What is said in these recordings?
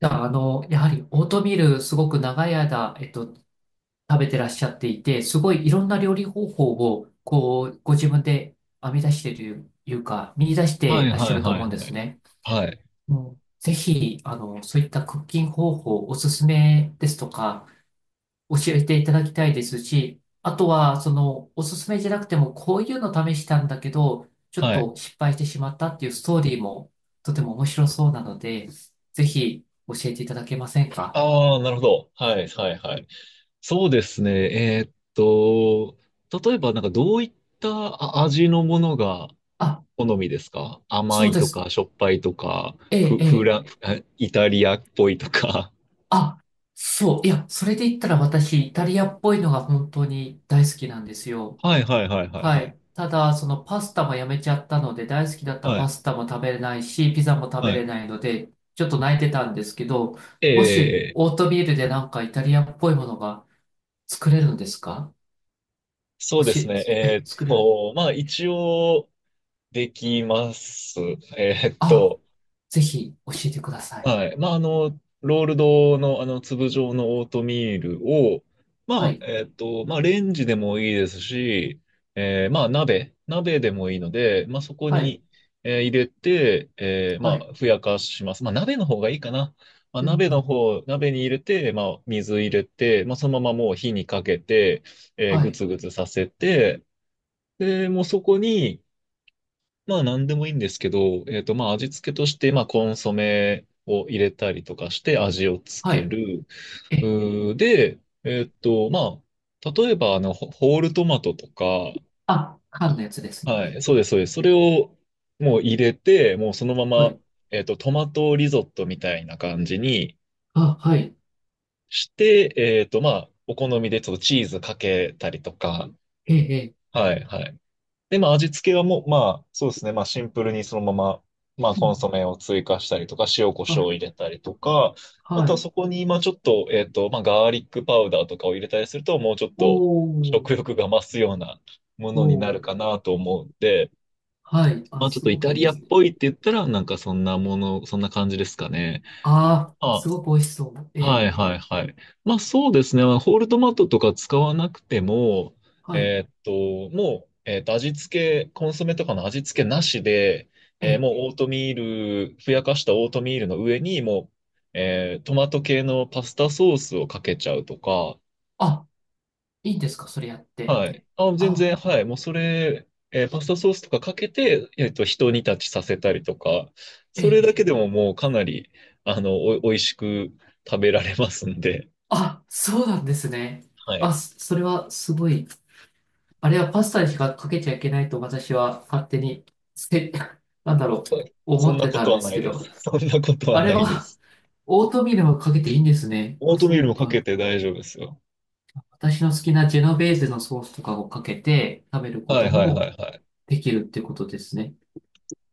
じゃあ、やはりオートミールすごく長い間、食べてらっしゃっていて、すごいいろんな料理方法を、ご自分で編み出しているというか、見出しはていらっしはゃいるとはい思うんはですい。ね。はい。もうぜひ、そういったクッキング方法、おすすめですとか、教えていただきたいですし、あとは、おすすめじゃなくても、こういうの試したんだけど、ちょっはい。と失敗してしまったっていうストーリーも、とても面白そうなので、ぜひ、教えていただけませんか？ああ、なるほど。はいはいはい。そうですね。えーっと、例えばどういった味のものがあ、好みですか？甘そういでとす。か、しょっぱいとか、ええ、フ、えフえ。ラン、えイタリアっぽいとか。あ、そう。いや、それで言ったら私、イタリアっぽいのが本当に大好きなんですよ。はいはいはいはいははい。い。ただ、そのパスタもやめちゃったので、大好きだったはパい。スタも食べれないし、ピザも食べはい。れないので、ちょっと泣いてたんですけど、えもし、え、オートミールでなんかイタリアっぽいものが作れるんですか？そおうですし、ね。え、作れる。一応できます。えーっあ、と、ぜひ教えてください。はい。ロールドの、粒状のオートミールを、はい、レンジでもいいですし、鍋でもいいので、そこはい、に入れて、はい。ふやかします。鍋の方がいいかな。まあ、うん、鍋うのん、方、鍋に入れて、水入れて、そのままもう火にかけて、はぐい、つぐつさせて、で、もうそこに、何でもいいんですけど、味付けとして、コンソメを入れたりとかして味をつはけい。る。え、うーで、えっとまあ、例えばホールトマトとか、あ、缶のやつですね。はい、そうです。それをもう入れて、もうそのまはま、い、トマトリゾットみたいな感じにあ、はい。して、お好みでちょっとチーズかけたりとか、ええ、ええ。はい、はい。で、味付けはもう、まあ、そうですね。シンプルにそのまま、うんうコん、ンソメを追加したりとか、塩コショウあ、を入れたりとか、あはとはい。そこに、まあ、ちょっと、えっと、まあ、ガーリックパウダーとかを入れたりすると、もうちょっおと食ー、欲が増すようなもおのになるかー、なと思うんで、はい。あ、ちょっすとイごくタいいリでアっすね。ぽいって言ったら、そんな感じですかね。あー、すまあごく美味しそう。えはいえ、はいはい。そうですね。ホールトマトとか使わなくても、はい。えーっと、もう、えーっと、味付け、コンソメとかの味付けなしで、ええーえ、もうオートミール、ふやかしたオートミールの上にもう、えートマト系のパスタソースをかけちゃうとか、あ、いいんですか、それやって。はい。あ、全あ、然、はい。もうそれ、パスタソースとかかけて、一煮立ちさせたりとか、ええ、それえだけえ。でももうかなり、美味しく食べられますんで、あ、そうなんですね。はい。あ、それはすごい。あれはパスタにしかかけちゃいけないと私は勝手に、せ、なんだろう、そ思んっなてこたとんではすないけでど。す。そんなことはあれないでは、す。オートミールはかけていいんですね。オーあ、トそミっールもかか。けて大丈夫ですよ。私の好きなジェノベーゼのソースとかをかけて食べるこはいとはいはもいはい。できるってことですね。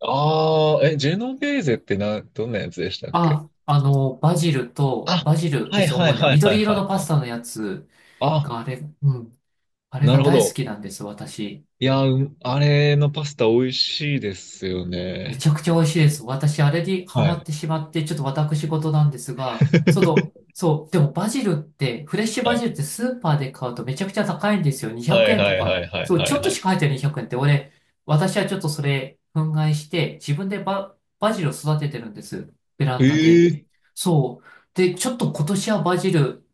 ああ、ジェノベーゼってどんなやつでしたっけ？あ、バジルと、あ、バジルはでいす、はい主には。はいはい緑色はいのパはスい。タのやつあ、があれ、うん、あれながるほ大好ど。きなんです、私。いや、あれのパスタ美味しいですよめね。ちゃくちゃ美味しいです。私、あれにハはマっい。てしまって、ちょっと私事なんですが、そう、でもバジルって、フレッシュはバい。ジルってスーパーで買うとめちゃくちゃ高いんですよ。は200い円はといはか。いはいそう、はちょいっはとしい。か入ってない200円って、俺、私はちょっとそれ、憤慨して、自分でバジルを育ててるんです。ベランダで。ええそう。で、ちょっと今年はバジル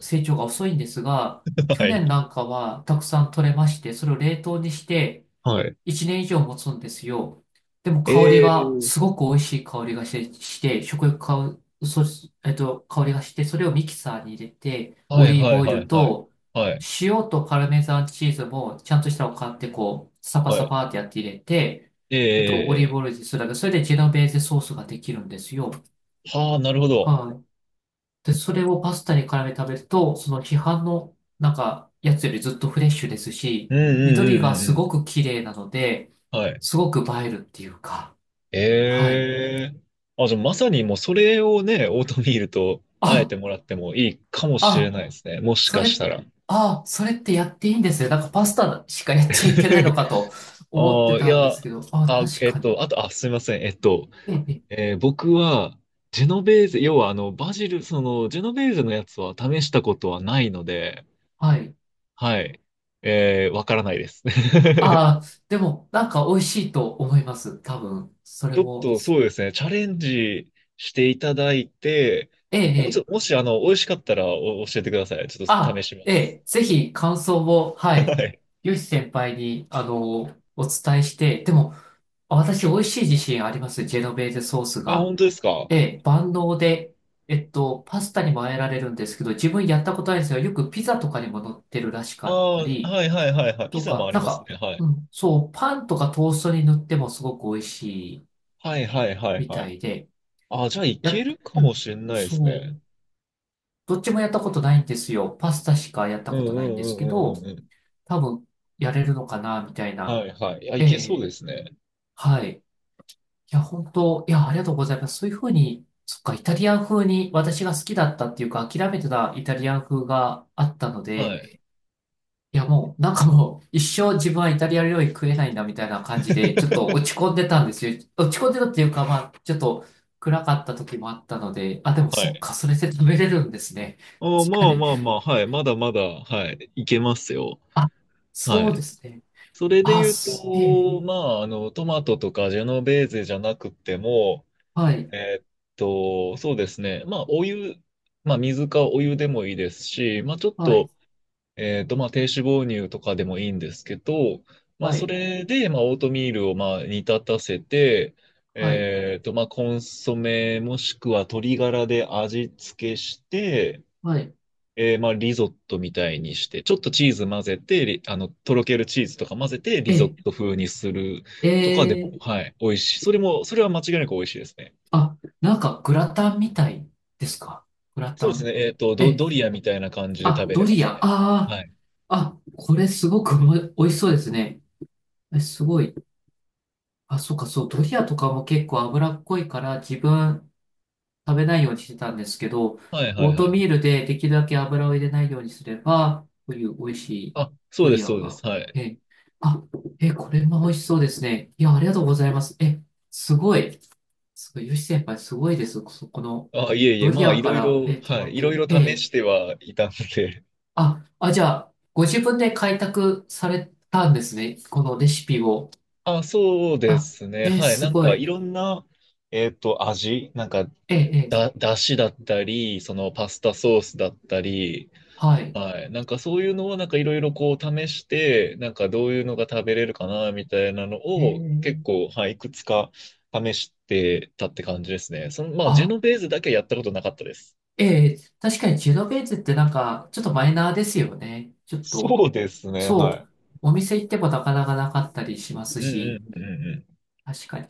成長が遅いんですが、ー。去はい。年なんかはたくさん取れまして、それを冷凍にして、はい。1年以上持つんですよ。でも香りええが、ー。すごく美味しい香りがして、して食欲か、香りがして、それをミキサーに入れて、はオいリーはブいオイはルいはい。と、はい。塩とパルメザンチーズも、ちゃんとしたのを買って、こう、サパはサい。パってやって入れて、オリーブええオイルでするだけ、それでジェノベーゼソースができるんですよ。ー。はあ、なるほど。はい。で、それをパスタに絡めて食べると、その批判の、なんか、やつよりずっとフレッシュですうし、んうん緑うがんうんすうごん。く綺麗なので、はい。すごく映えるっていうか、はい。ええあ、じゃあまさにもうそれをね、オートミールとあえあ、てもらってもいいかもしれあ、ないですね。もしそかしれ、たら。あ、それってやっていいんですね。なんかパスタしかやっちゃいけないのかと 思っあてあ、いたんでや、すけど、あ、あ、確えっかと、に。あと、あ、すみません。ええ、僕は、ジェノベーゼ、要はバジル、ジェノベーゼのやつは試したことはないので、はい。はい。わからないです。ああ、でも、なんか美味しいと思います。多分、そちれょっも。とそうですね、チャレンジしていただいて、えおちょえ、ええ、もし、美味しかったらお教えてください。ちょっと試あ、しまえす。え、ぜひ感想を、は い、はい。ヨシ先輩に、お伝えして、でも、私、美味しい自信あります、ジェノベーゼソースあ、が。本当ですか？ええ、万能で、パスタにもあえられるんですけど、自分やったことないんですが、よくピザとかにも乗ってるらしあかったあー、り、はいはいはいはい。ピとザもか、ありなんますか、ね。はうい。ん、そう、パンとかトーストに塗ってもすごく美味しいはいはいはいみはたい。いで、あーじゃあいや、けるかうもん、しれないですそう、ね。どっちもやったことないんですよ。パスタしかやったうんうことないんんでうすけんうんうんど、うん。多分やれるのかな、みたいな。はいはい。いや、いえけそうえ、ですね。はい。いや、本当、いや、ありがとうございます。そういうふうに、そっか、イタリアン風に私が好きだったっていうか、諦めてたイタリアン風があったのはで、い。いや、もう、なんかもう、一生自分はイタリア料理食えないんだ、みたいな感じで、ちょっと落 ち込んでたんですよ。落ち込んでたっていうか、まあ、ちょっと暗かった時もあったので、あ、でもはそっい。か、それで食べれるんですね。あーま確かあに。まあまあ、はい。まだまだ、はい。いけますよ。あ、はそうでい。すね。それであ、言うすええ、と、トマトとかジェノベーゼじゃなくても、はい、えーっそうですね。まあ、お湯、まあ、水かお湯でもいいですし、まあ、ちょっはい、と、えーっと、まあ、低脂肪乳とかでもいいんですけど、はそい。れで、オートミールを、煮立たせて、はいコンソメもしくは鶏ガラで味付けして、はい。リゾットみたいにして、ちょっとチーズ混ぜて、とろけるチーズとか混ぜて、リゾえ、ット風にするとかでえも、ー、はい、美味しい。それは間違いなく美味しいですね。あ、なんかグラタンみたいですか？グラそタうですね。ン。え、ドリアみたいな感じであ、食べドれまリすア。あね。あ、はい。あ、これすごく美味しそうですね。え、すごい。あ、そうか、そう、ドリアとかも結構脂っこいから自分食べないようにしてたんですけど、はいはいオはーいはトい。ミールでできるだけ油を入れないようにすれば、こういう美味しいあ、ドリアそうでが。す。はい。え、あ、え、これも美味しそうですね。いや、ありがとうございます。え、すごい。すごい、ヨシ先輩すごいです。そこの、あ、いえいえ、ドリまあ、アいかろいら、ろ、トはマい、いろいト、ろえ試しえ、てはいたんで。あ、あ、じゃあ、ご自分で開拓されたんですね。このレシピを。あ、そうであ、すね。はい。すごいい。ろんな、味、なんか、ええ、ええ、だ、だしだったり、パスタソースだったり、はい。はい。なんかそういうのをいろいろこう試して、なんかどういうのが食べれるかなみたいなのを結ええ、構、はい、いくつか試してたって感じですね。ジェあ、ノベーゼだけやったことなかったです。ええ、確かにジェノベーゼってなんか、ちょっとマイナーですよね。ちょっと、そうですね、そはう、い。お店行ってもなかなかなかったりしますうんうし。んうんうん確かに。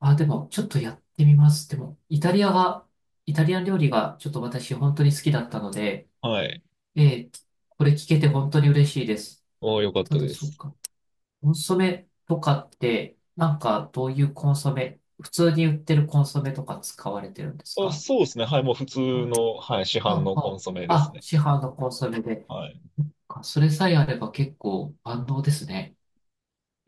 あ、でも、ちょっとやってみます。でも、イタリアが、イタリアン料理がちょっと私本当に好きだったので、うん。はい。ええ、これ聞けて本当に嬉しいです。おー、よかったただ、でそうす。か。コンソメとかって、なんか、どういうコンソメ、普通に売ってるコンソメとか使われてるんですあ、か？そうですね、はい、もう普通の、はい、市販あ、のコあ、ンソメですあ、ね。市販のコンソメで。はい。それさえあれば結構万能ですね。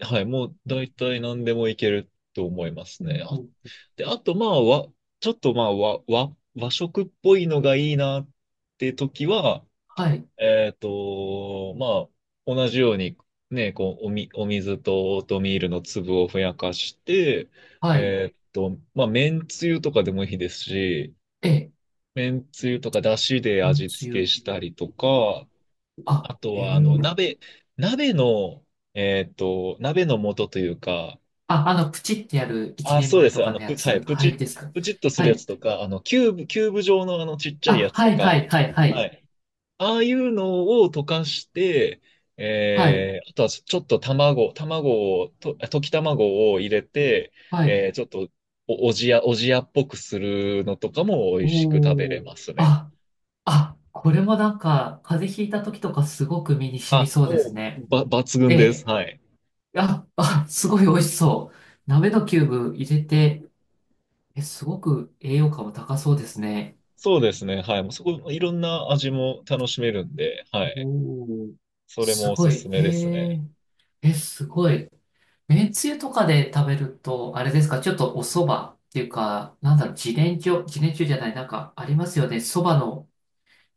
はい、もうう大体何でもいけると思いますんね。うん、で、あと、まあ、わ、ちょっと、まあ、わ、和、和食っぽいのがいいなって時は、はい、えっと、ま同じように、ね、こう、お水とオートミールの粒をふやかして、はい。麺つゆとかでもいいですし、ええ、麺つゆとか出汁でめん味つ付けゆ。したりとか、あとあ、えは、え、鍋の、鍋の素というか、あ、プチってやる一あ、人そうで前とす。かのやはい、つはい、ですか？プチッとすはるやつい。とか、キューブ状のあのちっちゃいやあ、つはとい、か、はい、はい、ははい。い。ああいうのを溶かして、はい、えー、あとはちょっと卵を、溶き卵を入れて、はい。えー、ちょっとおじやっぽくするのとかも美味しく食べおれー。ますね。あ、あ、これもなんか、風邪ひいた時とかすごく身に染みあ、そうですもう、ね。抜え群です。え。はい。あ、あ、すごい美味しそう。鍋のキューブ入れて、え、すごく栄養価も高そうですね。そうですね。はい。もうそこ、いろんな味も楽しめるんで、はい。おー。それもすおすごすい。えめですね。え。え、すごい。めんつゆとかで食べると、あれですか、ちょっとお蕎麦っていうか、なんだろう、自然薯、自然薯じゃない、なんかありますよね。蕎麦の、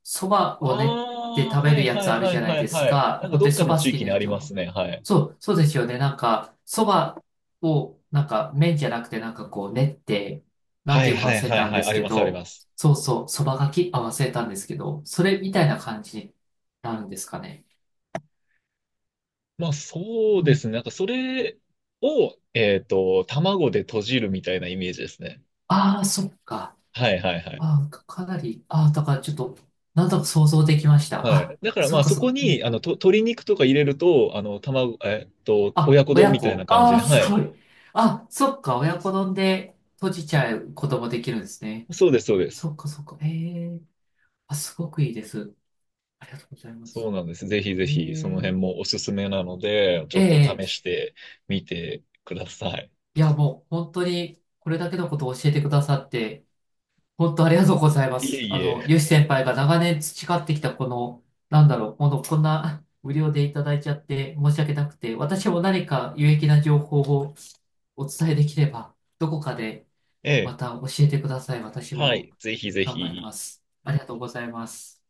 蕎麦を練ってああ、食べはるいやはついあるはじいゃないはでいすはい。なか。んか本当どっにか蕎の麦好地き域なにあります人。ね。はい。そう、そうですよね。なんか、蕎麦を、なんか麺じゃなくて、なんかこう練って、なんはていいうかはい忘れはいたんはい。ですありけます、ありど、ます。そうそう、蕎麦がき、あ、忘れたんですけど、それみたいな感じになるんですかね。まあそううでん。すね。なんかそれを、卵で閉じるみたいなイメージですね。ああ、そっか。はいはいはい。あ、かなり、あ、だからちょっと、なんとなく想像できました。はあ、い。だからそまっあかそそこっか。うに、ん、鶏肉とか入れると、あの、卵、えっと、あ、親子丼親みたいな子。感じあに。ー、はすい。ごい。あ、そっか、親子丼で閉じちゃうこともできるんですね。そうです。そっかそっか。ええ、あ、すごくいいです。ありがとうございまそうす。なんです。ぜひぜえひ、その辺え、もおすすめなので、ちょっとえ試え、してみてください。いや、もう本当にこれだけのことを教えてくださって、本当ありがとうございまいえす。いえ。ヨシ先輩が長年培ってきたこの、なんだろう、この、こんな無料でいただいちゃって申し訳なくて、私も何か有益な情報をお伝えできれば、どこかでえまえ。た教えてください。私はもい、ぜひぜ頑張りまひ。す。ありがとうございます。